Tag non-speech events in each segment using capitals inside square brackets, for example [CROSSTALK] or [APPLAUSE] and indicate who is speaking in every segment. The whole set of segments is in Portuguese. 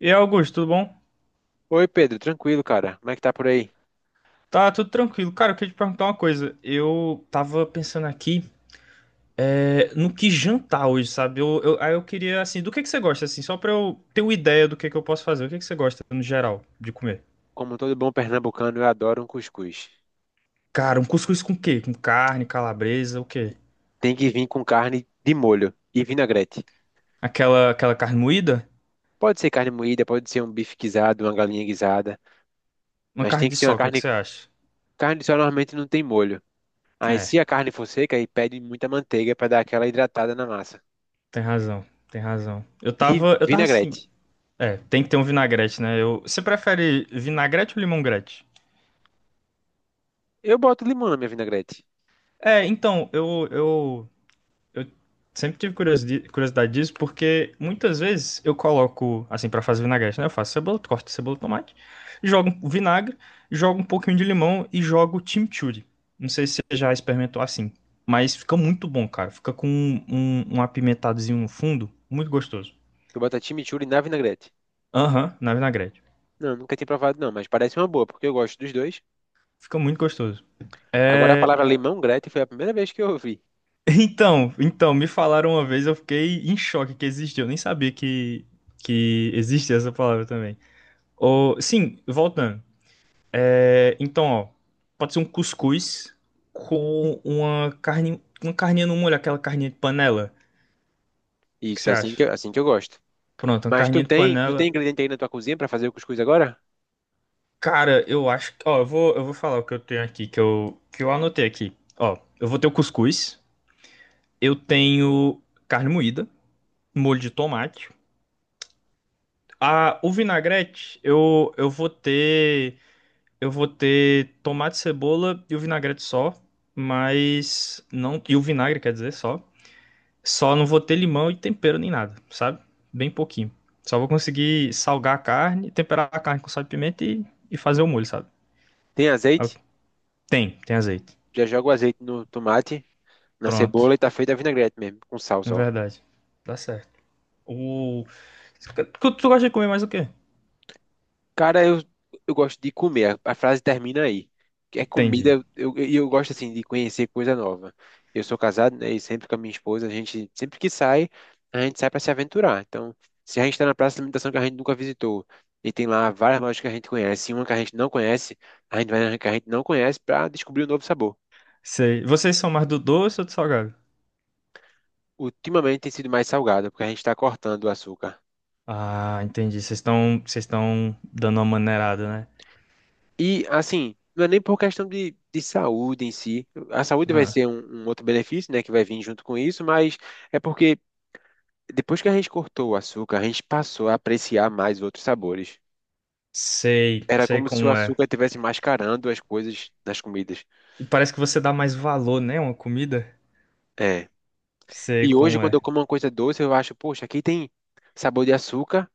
Speaker 1: E aí, Augusto, tudo bom?
Speaker 2: Oi, Pedro, tranquilo, cara. Como é que tá por aí?
Speaker 1: Tá tudo tranquilo. Cara, eu queria te perguntar uma coisa. Eu tava pensando aqui, no que jantar hoje, sabe? Aí eu queria, assim, do que você gosta, assim, só pra eu ter uma ideia do que eu posso fazer. O que que você gosta, no geral, de comer?
Speaker 2: Como todo bom pernambucano, eu adoro um cuscuz.
Speaker 1: Cara, um cuscuz com quê? Com carne, calabresa, o quê?
Speaker 2: Tem que vir com carne de molho e vinagrete.
Speaker 1: Aquela carne moída?
Speaker 2: Pode ser carne moída, pode ser um bife guisado, uma galinha guisada,
Speaker 1: Uma
Speaker 2: mas
Speaker 1: carne
Speaker 2: tem que
Speaker 1: de
Speaker 2: ser uma
Speaker 1: sol, o que que
Speaker 2: carne.
Speaker 1: você acha?
Speaker 2: Carne só normalmente não tem molho. Aí,
Speaker 1: É,
Speaker 2: se a carne for seca, aí pede muita manteiga pra dar aquela hidratada na massa.
Speaker 1: tem razão, tem razão. Eu
Speaker 2: E
Speaker 1: tava, eu tava assim.
Speaker 2: vinagrete.
Speaker 1: É, tem que ter um vinagrete, né? Você prefere vinagrete ou limongrete?
Speaker 2: Eu boto limão na minha vinagrete.
Speaker 1: É, então, sempre tive curiosidade disso, porque muitas vezes eu coloco, assim, pra fazer vinagrete, né? Eu faço cebola, corto cebola, tomate, jogo um vinagre, jogo um pouquinho de limão e jogo chimichurri. Não sei se você já experimentou assim, mas fica muito bom, cara. Fica com um apimentadozinho no fundo, muito gostoso.
Speaker 2: Tu bota chimichurri na vinagrete.
Speaker 1: Aham, na vinagrete.
Speaker 2: Não, nunca tinha provado não, mas parece uma boa, porque eu gosto dos dois.
Speaker 1: Fica muito gostoso.
Speaker 2: Agora a
Speaker 1: É,
Speaker 2: palavra limão-grete foi a primeira vez que eu ouvi.
Speaker 1: [LAUGHS] então, me falaram uma vez, eu fiquei em choque que existia. Eu nem sabia que existia essa palavra também. Ô, sim, voltando. É, então, ó, pode ser um cuscuz com uma carne, uma carninha no molho, aquela carninha de panela. O que que
Speaker 2: Isso,
Speaker 1: você
Speaker 2: é assim que
Speaker 1: acha?
Speaker 2: eu gosto.
Speaker 1: Pronto, uma
Speaker 2: Mas tu
Speaker 1: carninha de
Speaker 2: tem, tu tem
Speaker 1: panela.
Speaker 2: ingrediente aí na tua cozinha para fazer o cuscuz agora?
Speaker 1: Cara, eu acho que, ó, eu vou falar o que eu tenho aqui, que eu anotei aqui. Ó, eu vou ter o cuscuz, eu tenho carne moída, molho de tomate. Ah, o vinagrete, eu vou ter tomate, cebola e o vinagrete só, mas não, e o vinagre, quer dizer, só. Só não vou ter limão e tempero nem nada, sabe? Bem pouquinho. Só vou conseguir salgar a carne, temperar a carne com sal e pimenta e fazer o molho, sabe?
Speaker 2: Tem
Speaker 1: É o.
Speaker 2: azeite?
Speaker 1: Tem azeite.
Speaker 2: Já joga o azeite no tomate, na
Speaker 1: Pronto.
Speaker 2: cebola e tá feita a vinagrete mesmo, com sal
Speaker 1: Na
Speaker 2: só.
Speaker 1: verdade. Dá certo. O... tu gosta de comer mais o quê?
Speaker 2: Cara, eu gosto de comer. A frase termina aí. Que é
Speaker 1: Entendi.
Speaker 2: comida, eu gosto assim de conhecer coisa nova. Eu sou casado, né, e sempre com a minha esposa, a gente sempre que sai, a gente sai para se aventurar. Então, se a gente tá na praça de alimentação que a gente nunca visitou e tem lá várias lojas que a gente conhece, e uma que a gente não conhece, a gente vai na que a gente não conhece para descobrir um novo sabor.
Speaker 1: Sei. Vocês são mais do doce ou do salgado?
Speaker 2: Ultimamente tem sido mais salgada, porque a gente está cortando o açúcar.
Speaker 1: Ah, entendi. Vocês estão dando uma maneirada, né?
Speaker 2: E, assim, não é nem por questão de saúde em si. A saúde vai
Speaker 1: Ah,
Speaker 2: ser um outro benefício, né, que vai vir junto com isso, mas é porque depois que a gente cortou o açúcar, a gente passou a apreciar mais outros sabores.
Speaker 1: sei,
Speaker 2: Era
Speaker 1: sei
Speaker 2: como se o
Speaker 1: como é.
Speaker 2: açúcar estivesse mascarando as coisas nas comidas.
Speaker 1: E parece que você dá mais valor, né? Uma comida.
Speaker 2: É.
Speaker 1: Sei
Speaker 2: E hoje,
Speaker 1: como
Speaker 2: quando eu
Speaker 1: é.
Speaker 2: como uma coisa doce, eu acho, poxa, aqui tem sabor de açúcar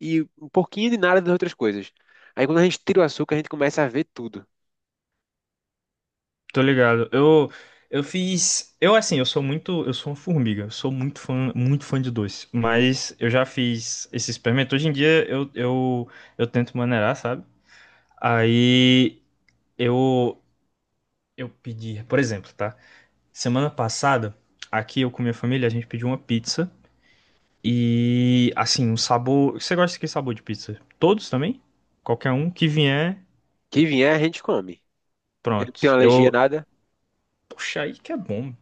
Speaker 2: e um pouquinho de nada das outras coisas. Aí, quando a gente tira o açúcar, a gente começa a ver tudo.
Speaker 1: Tô ligado. Eu fiz. Eu, assim, eu sou muito. Eu sou uma formiga. Eu sou muito fã de doce. Mas eu já fiz esse experimento. Hoje em dia eu tento maneirar, sabe? Aí eu, eu pedi. Por exemplo, tá? Semana passada, aqui eu com minha família, a gente pediu uma pizza. E, assim, um sabor. Você gosta de que sabor de pizza? Todos também? Qualquer um que vier,
Speaker 2: Que vier, a gente come. Eu não
Speaker 1: pronto.
Speaker 2: tenho alergia a
Speaker 1: Eu.
Speaker 2: nada
Speaker 1: Poxa aí que é bom.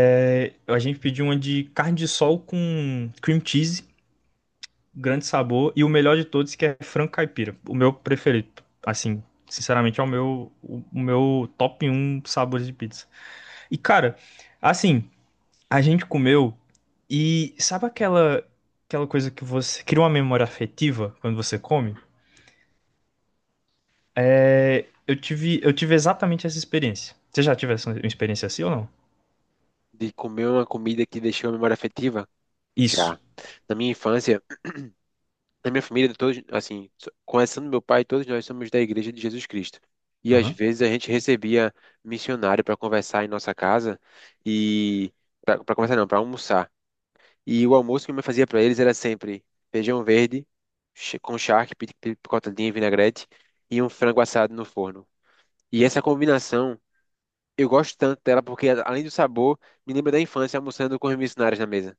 Speaker 1: É, a gente pediu uma de carne de sol com cream cheese, grande sabor, e o melhor de todos que é frango caipira. O meu preferido, assim, sinceramente é o meu top um sabores de pizza. E cara, assim, a gente comeu e sabe aquela coisa que você cria uma memória afetiva quando você come? É, eu tive exatamente essa experiência. Você já tivesse uma experiência assim ou não?
Speaker 2: de comer uma comida que deixou a memória afetiva.
Speaker 1: Isso.
Speaker 2: Já. Na minha infância, na minha família, todos, assim, começando meu pai, todos nós somos da Igreja de Jesus Cristo. E às
Speaker 1: Aham.
Speaker 2: vezes a gente recebia missionário para conversar em nossa casa e para conversar não, para almoçar. E o almoço que eu me fazia para eles era sempre feijão verde com charque, picotadinha e vinagrete e um frango assado no forno. E essa combinação eu gosto tanto dela porque, além do sabor, me lembra da infância almoçando com os missionários na mesa.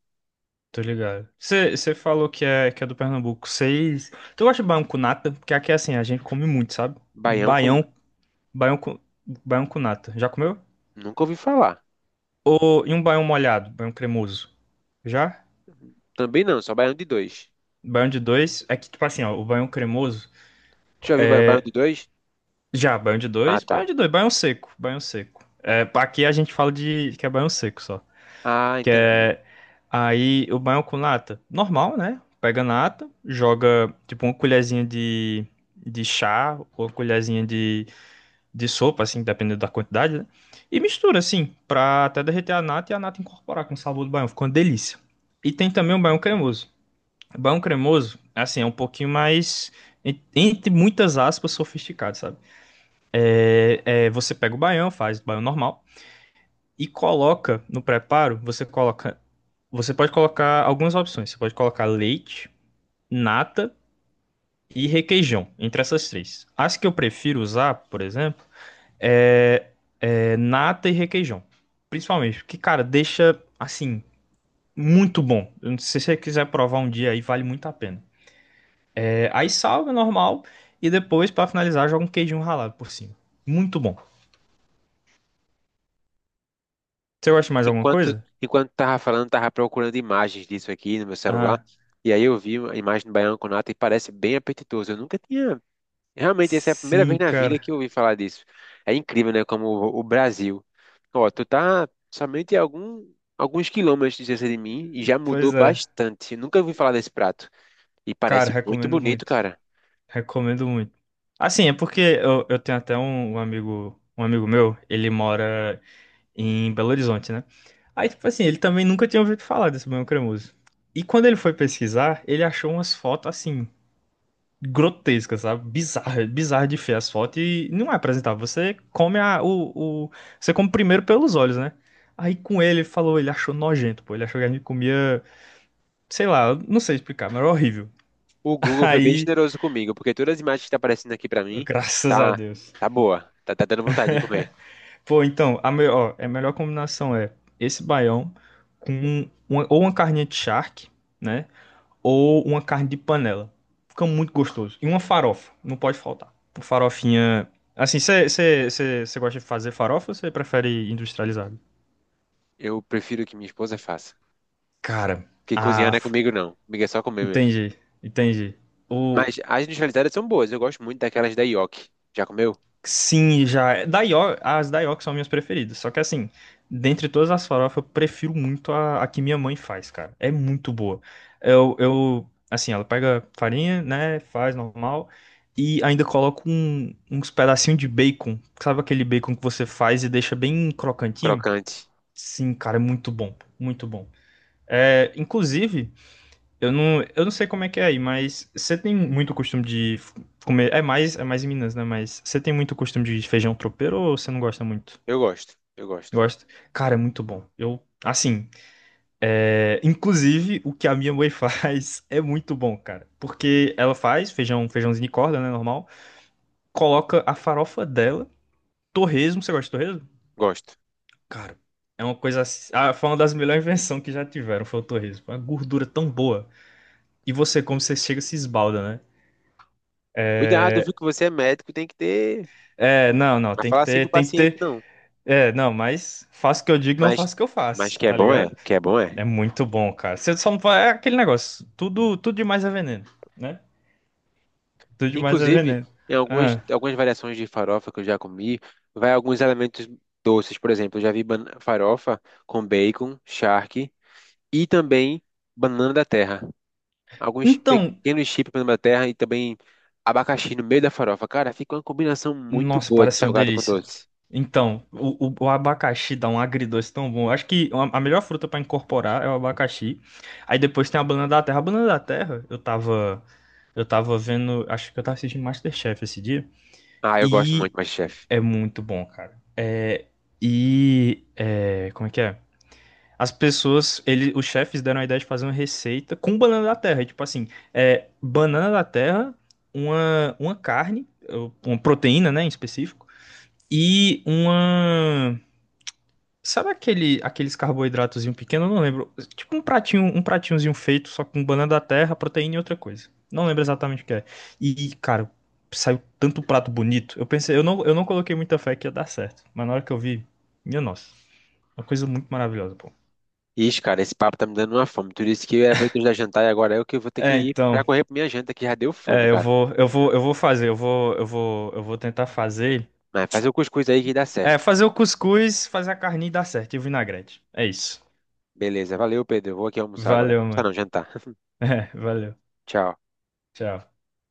Speaker 1: Tô ligado. Você falou que é do Pernambuco. Vocês. Tu gosta de baião com nata? Porque aqui é assim, a gente come muito, sabe?
Speaker 2: Baião com.
Speaker 1: Baião, baião com, baião com nata. Já comeu?
Speaker 2: Nunca ouvi falar.
Speaker 1: Ou e um baião molhado, baião cremoso? Já?
Speaker 2: Também não, só baião de dois.
Speaker 1: Baião de dois. É que, tipo assim, ó, o baião cremoso.
Speaker 2: Tu já viu baião de dois?
Speaker 1: Já, baião de
Speaker 2: Ah,
Speaker 1: dois, baião
Speaker 2: tá.
Speaker 1: de dois, baião seco, baião seco. É, aqui a gente fala de que é baião seco só.
Speaker 2: Ah,
Speaker 1: Que
Speaker 2: entendi.
Speaker 1: é aí o banho com nata. Normal, né? Pega nata, joga tipo uma colherzinha de chá ou uma colherzinha de sopa, assim, dependendo da quantidade, né? E mistura, assim, pra até derreter a nata e a nata incorporar com o sabor do banho. Ficou uma delícia. E tem também o banho cremoso. O banho cremoso, assim, é um pouquinho mais, entre muitas aspas, sofisticado, sabe? É, você pega o baião, faz o baião normal e coloca no preparo, você pode colocar algumas opções. Você pode colocar leite, nata e requeijão, entre essas três. As que eu prefiro usar, por exemplo, é, é nata e requeijão, principalmente, porque cara, deixa assim muito bom. Se você quiser provar um dia aí, vale muito a pena. É, aí salga normal e depois para finalizar joga um queijinho ralado por cima. Muito bom. Você gosta de mais alguma
Speaker 2: Enquanto,
Speaker 1: coisa?
Speaker 2: enquanto tava falando, tava procurando imagens disso aqui no meu celular.
Speaker 1: Ah,
Speaker 2: E aí eu vi a imagem do baião com nata e parece bem apetitoso. Eu nunca tinha realmente, essa é a primeira
Speaker 1: sim,
Speaker 2: vez na vida
Speaker 1: cara.
Speaker 2: que eu ouvi falar disso. É incrível, né? Como o Brasil. Ó, tu tá alguns quilômetros de distância de mim e já mudou
Speaker 1: Pois é.
Speaker 2: bastante. Nunca ouvi falar desse prato. E
Speaker 1: Cara,
Speaker 2: parece muito
Speaker 1: recomendo
Speaker 2: bonito,
Speaker 1: muito.
Speaker 2: cara.
Speaker 1: Recomendo muito. Assim, é porque eu tenho até um amigo meu, ele mora em Belo Horizonte, né? Aí, tipo assim, ele também nunca tinha ouvido falar desse banho cremoso. E quando ele foi pesquisar, ele achou umas fotos assim, grotescas, sabe? Bizarra, bizarra de feia as fotos e não é apresentável. Você come a, o- Você come primeiro pelos olhos, né? Aí com ele, ele falou, ele achou nojento, pô. Ele achou que a gente comia, sei lá, eu não sei explicar, mas era horrível.
Speaker 2: O
Speaker 1: [LAUGHS]
Speaker 2: Google foi bem
Speaker 1: Aí,
Speaker 2: generoso comigo, porque todas as imagens que tá aparecendo aqui pra mim,
Speaker 1: graças a
Speaker 2: tá,
Speaker 1: Deus.
Speaker 2: tá boa. Tá dando vontade de comer.
Speaker 1: Pô, então, é a melhor combinação é esse baião com ou uma carninha de charque, né? Ou uma carne de panela. Fica muito gostoso. E uma farofa, não pode faltar. Uma farofinha. Assim, você gosta de fazer farofa ou você prefere industrializado?
Speaker 2: Eu prefiro que minha esposa faça.
Speaker 1: Cara,
Speaker 2: Porque cozinhar
Speaker 1: ah,
Speaker 2: não é comigo, não. Comigo é só comer mesmo.
Speaker 1: entendi, entendi. O.
Speaker 2: Mas as industrializadas são boas. Eu gosto muito daquelas da Yoki. Já comeu?
Speaker 1: Sim, já. Da As da são minhas preferidas. Só que assim, dentre todas as farofas, eu prefiro muito a que minha mãe faz, cara. É muito boa. Assim, ela pega farinha, né? Faz normal. E ainda coloca uns pedacinhos de bacon. Sabe aquele bacon que você faz e deixa bem crocantinho?
Speaker 2: Crocante.
Speaker 1: Sim, cara, é muito bom. Muito bom. É, inclusive. Eu não sei como é que é aí, mas você tem muito costume de comer. É mais em Minas, né? Mas você tem muito costume de feijão tropeiro ou você não gosta muito?
Speaker 2: Eu gosto.
Speaker 1: Gosto. Cara, é muito bom. Eu, assim, é, inclusive o que a minha mãe [LAUGHS] faz é muito bom, cara. Porque ela faz feijão, feijãozinho de corda, né? Normal. Coloca a farofa dela, torresmo. Você gosta de torresmo?
Speaker 2: Gosto.
Speaker 1: Cara, é uma coisa, ah, foi uma das melhores invenções que já tiveram, foi o torresmo. Uma gordura tão boa. E você, como você chega, se esbalda, né?
Speaker 2: Cuidado, viu que você é médico, tem que ter.
Speaker 1: É, não, não,
Speaker 2: Mas
Speaker 1: tem que
Speaker 2: falar assim pro
Speaker 1: ter, tem que
Speaker 2: paciente,
Speaker 1: ter.
Speaker 2: não.
Speaker 1: É, não, mas faço o que eu digo, não
Speaker 2: Mas,
Speaker 1: faço o que eu
Speaker 2: mas
Speaker 1: faço,
Speaker 2: que é
Speaker 1: tá ligado?
Speaker 2: que é, bom é.
Speaker 1: É muito bom, cara. Você só não vai. É aquele negócio. Tudo demais é veneno, né? Tudo demais é
Speaker 2: Inclusive,
Speaker 1: veneno.
Speaker 2: em
Speaker 1: Ah.
Speaker 2: algumas variações de farofa que eu já comi, vai alguns elementos doces, por exemplo, eu já vi farofa com bacon, charque e também banana da terra. Alguns
Speaker 1: Então,
Speaker 2: pequenos chips de banana da terra e também abacaxi no meio da farofa. Cara, fica uma combinação muito
Speaker 1: nossa,
Speaker 2: boa de
Speaker 1: parece uma
Speaker 2: salgado com
Speaker 1: delícia.
Speaker 2: doce.
Speaker 1: Então, o abacaxi dá um agridoce tão bom. Eu acho que a melhor fruta pra incorporar é o abacaxi. Aí depois tem a banana da terra. A banana da terra, eu tava. Eu tava vendo. Acho que eu tava assistindo MasterChef esse dia.
Speaker 2: Ah, eu gosto muito,
Speaker 1: E
Speaker 2: mas chefe.
Speaker 1: é muito bom, cara. É, e é, como é que é? Os chefes deram a ideia de fazer uma receita com banana da terra. E, tipo assim, é, banana da terra, uma carne, ou uma proteína, né, em específico, e uma. Sabe aqueles carboidratozinho pequeno? Eu não lembro. Tipo um pratinhozinho feito, só com banana da terra, proteína e outra coisa. Não lembro exatamente o que é. E, cara, saiu tanto prato bonito. Eu pensei, eu não coloquei muita fé que ia dar certo. Mas na hora que eu vi, minha nossa, uma coisa muito maravilhosa, pô.
Speaker 2: Ixi, cara, esse papo tá me dando uma fome. Tu disse que era pra eu te dar jantar e agora eu que vou ter que
Speaker 1: É,
Speaker 2: ir pra
Speaker 1: então,
Speaker 2: correr pra minha janta que já deu fome,
Speaker 1: é, eu
Speaker 2: cara.
Speaker 1: vou, eu vou, eu vou fazer, eu vou tentar fazer.
Speaker 2: Mas faz o cuscuz aí que dá
Speaker 1: É,
Speaker 2: certo.
Speaker 1: fazer o cuscuz, fazer a carninha e dar certo, e o vinagrete. É isso.
Speaker 2: Beleza, valeu, Pedro. Eu vou aqui almoçar agora.
Speaker 1: Valeu,
Speaker 2: Almoçar
Speaker 1: mano.
Speaker 2: não, jantar. [LAUGHS]
Speaker 1: [LAUGHS] É, valeu.
Speaker 2: Tchau.
Speaker 1: Tchau.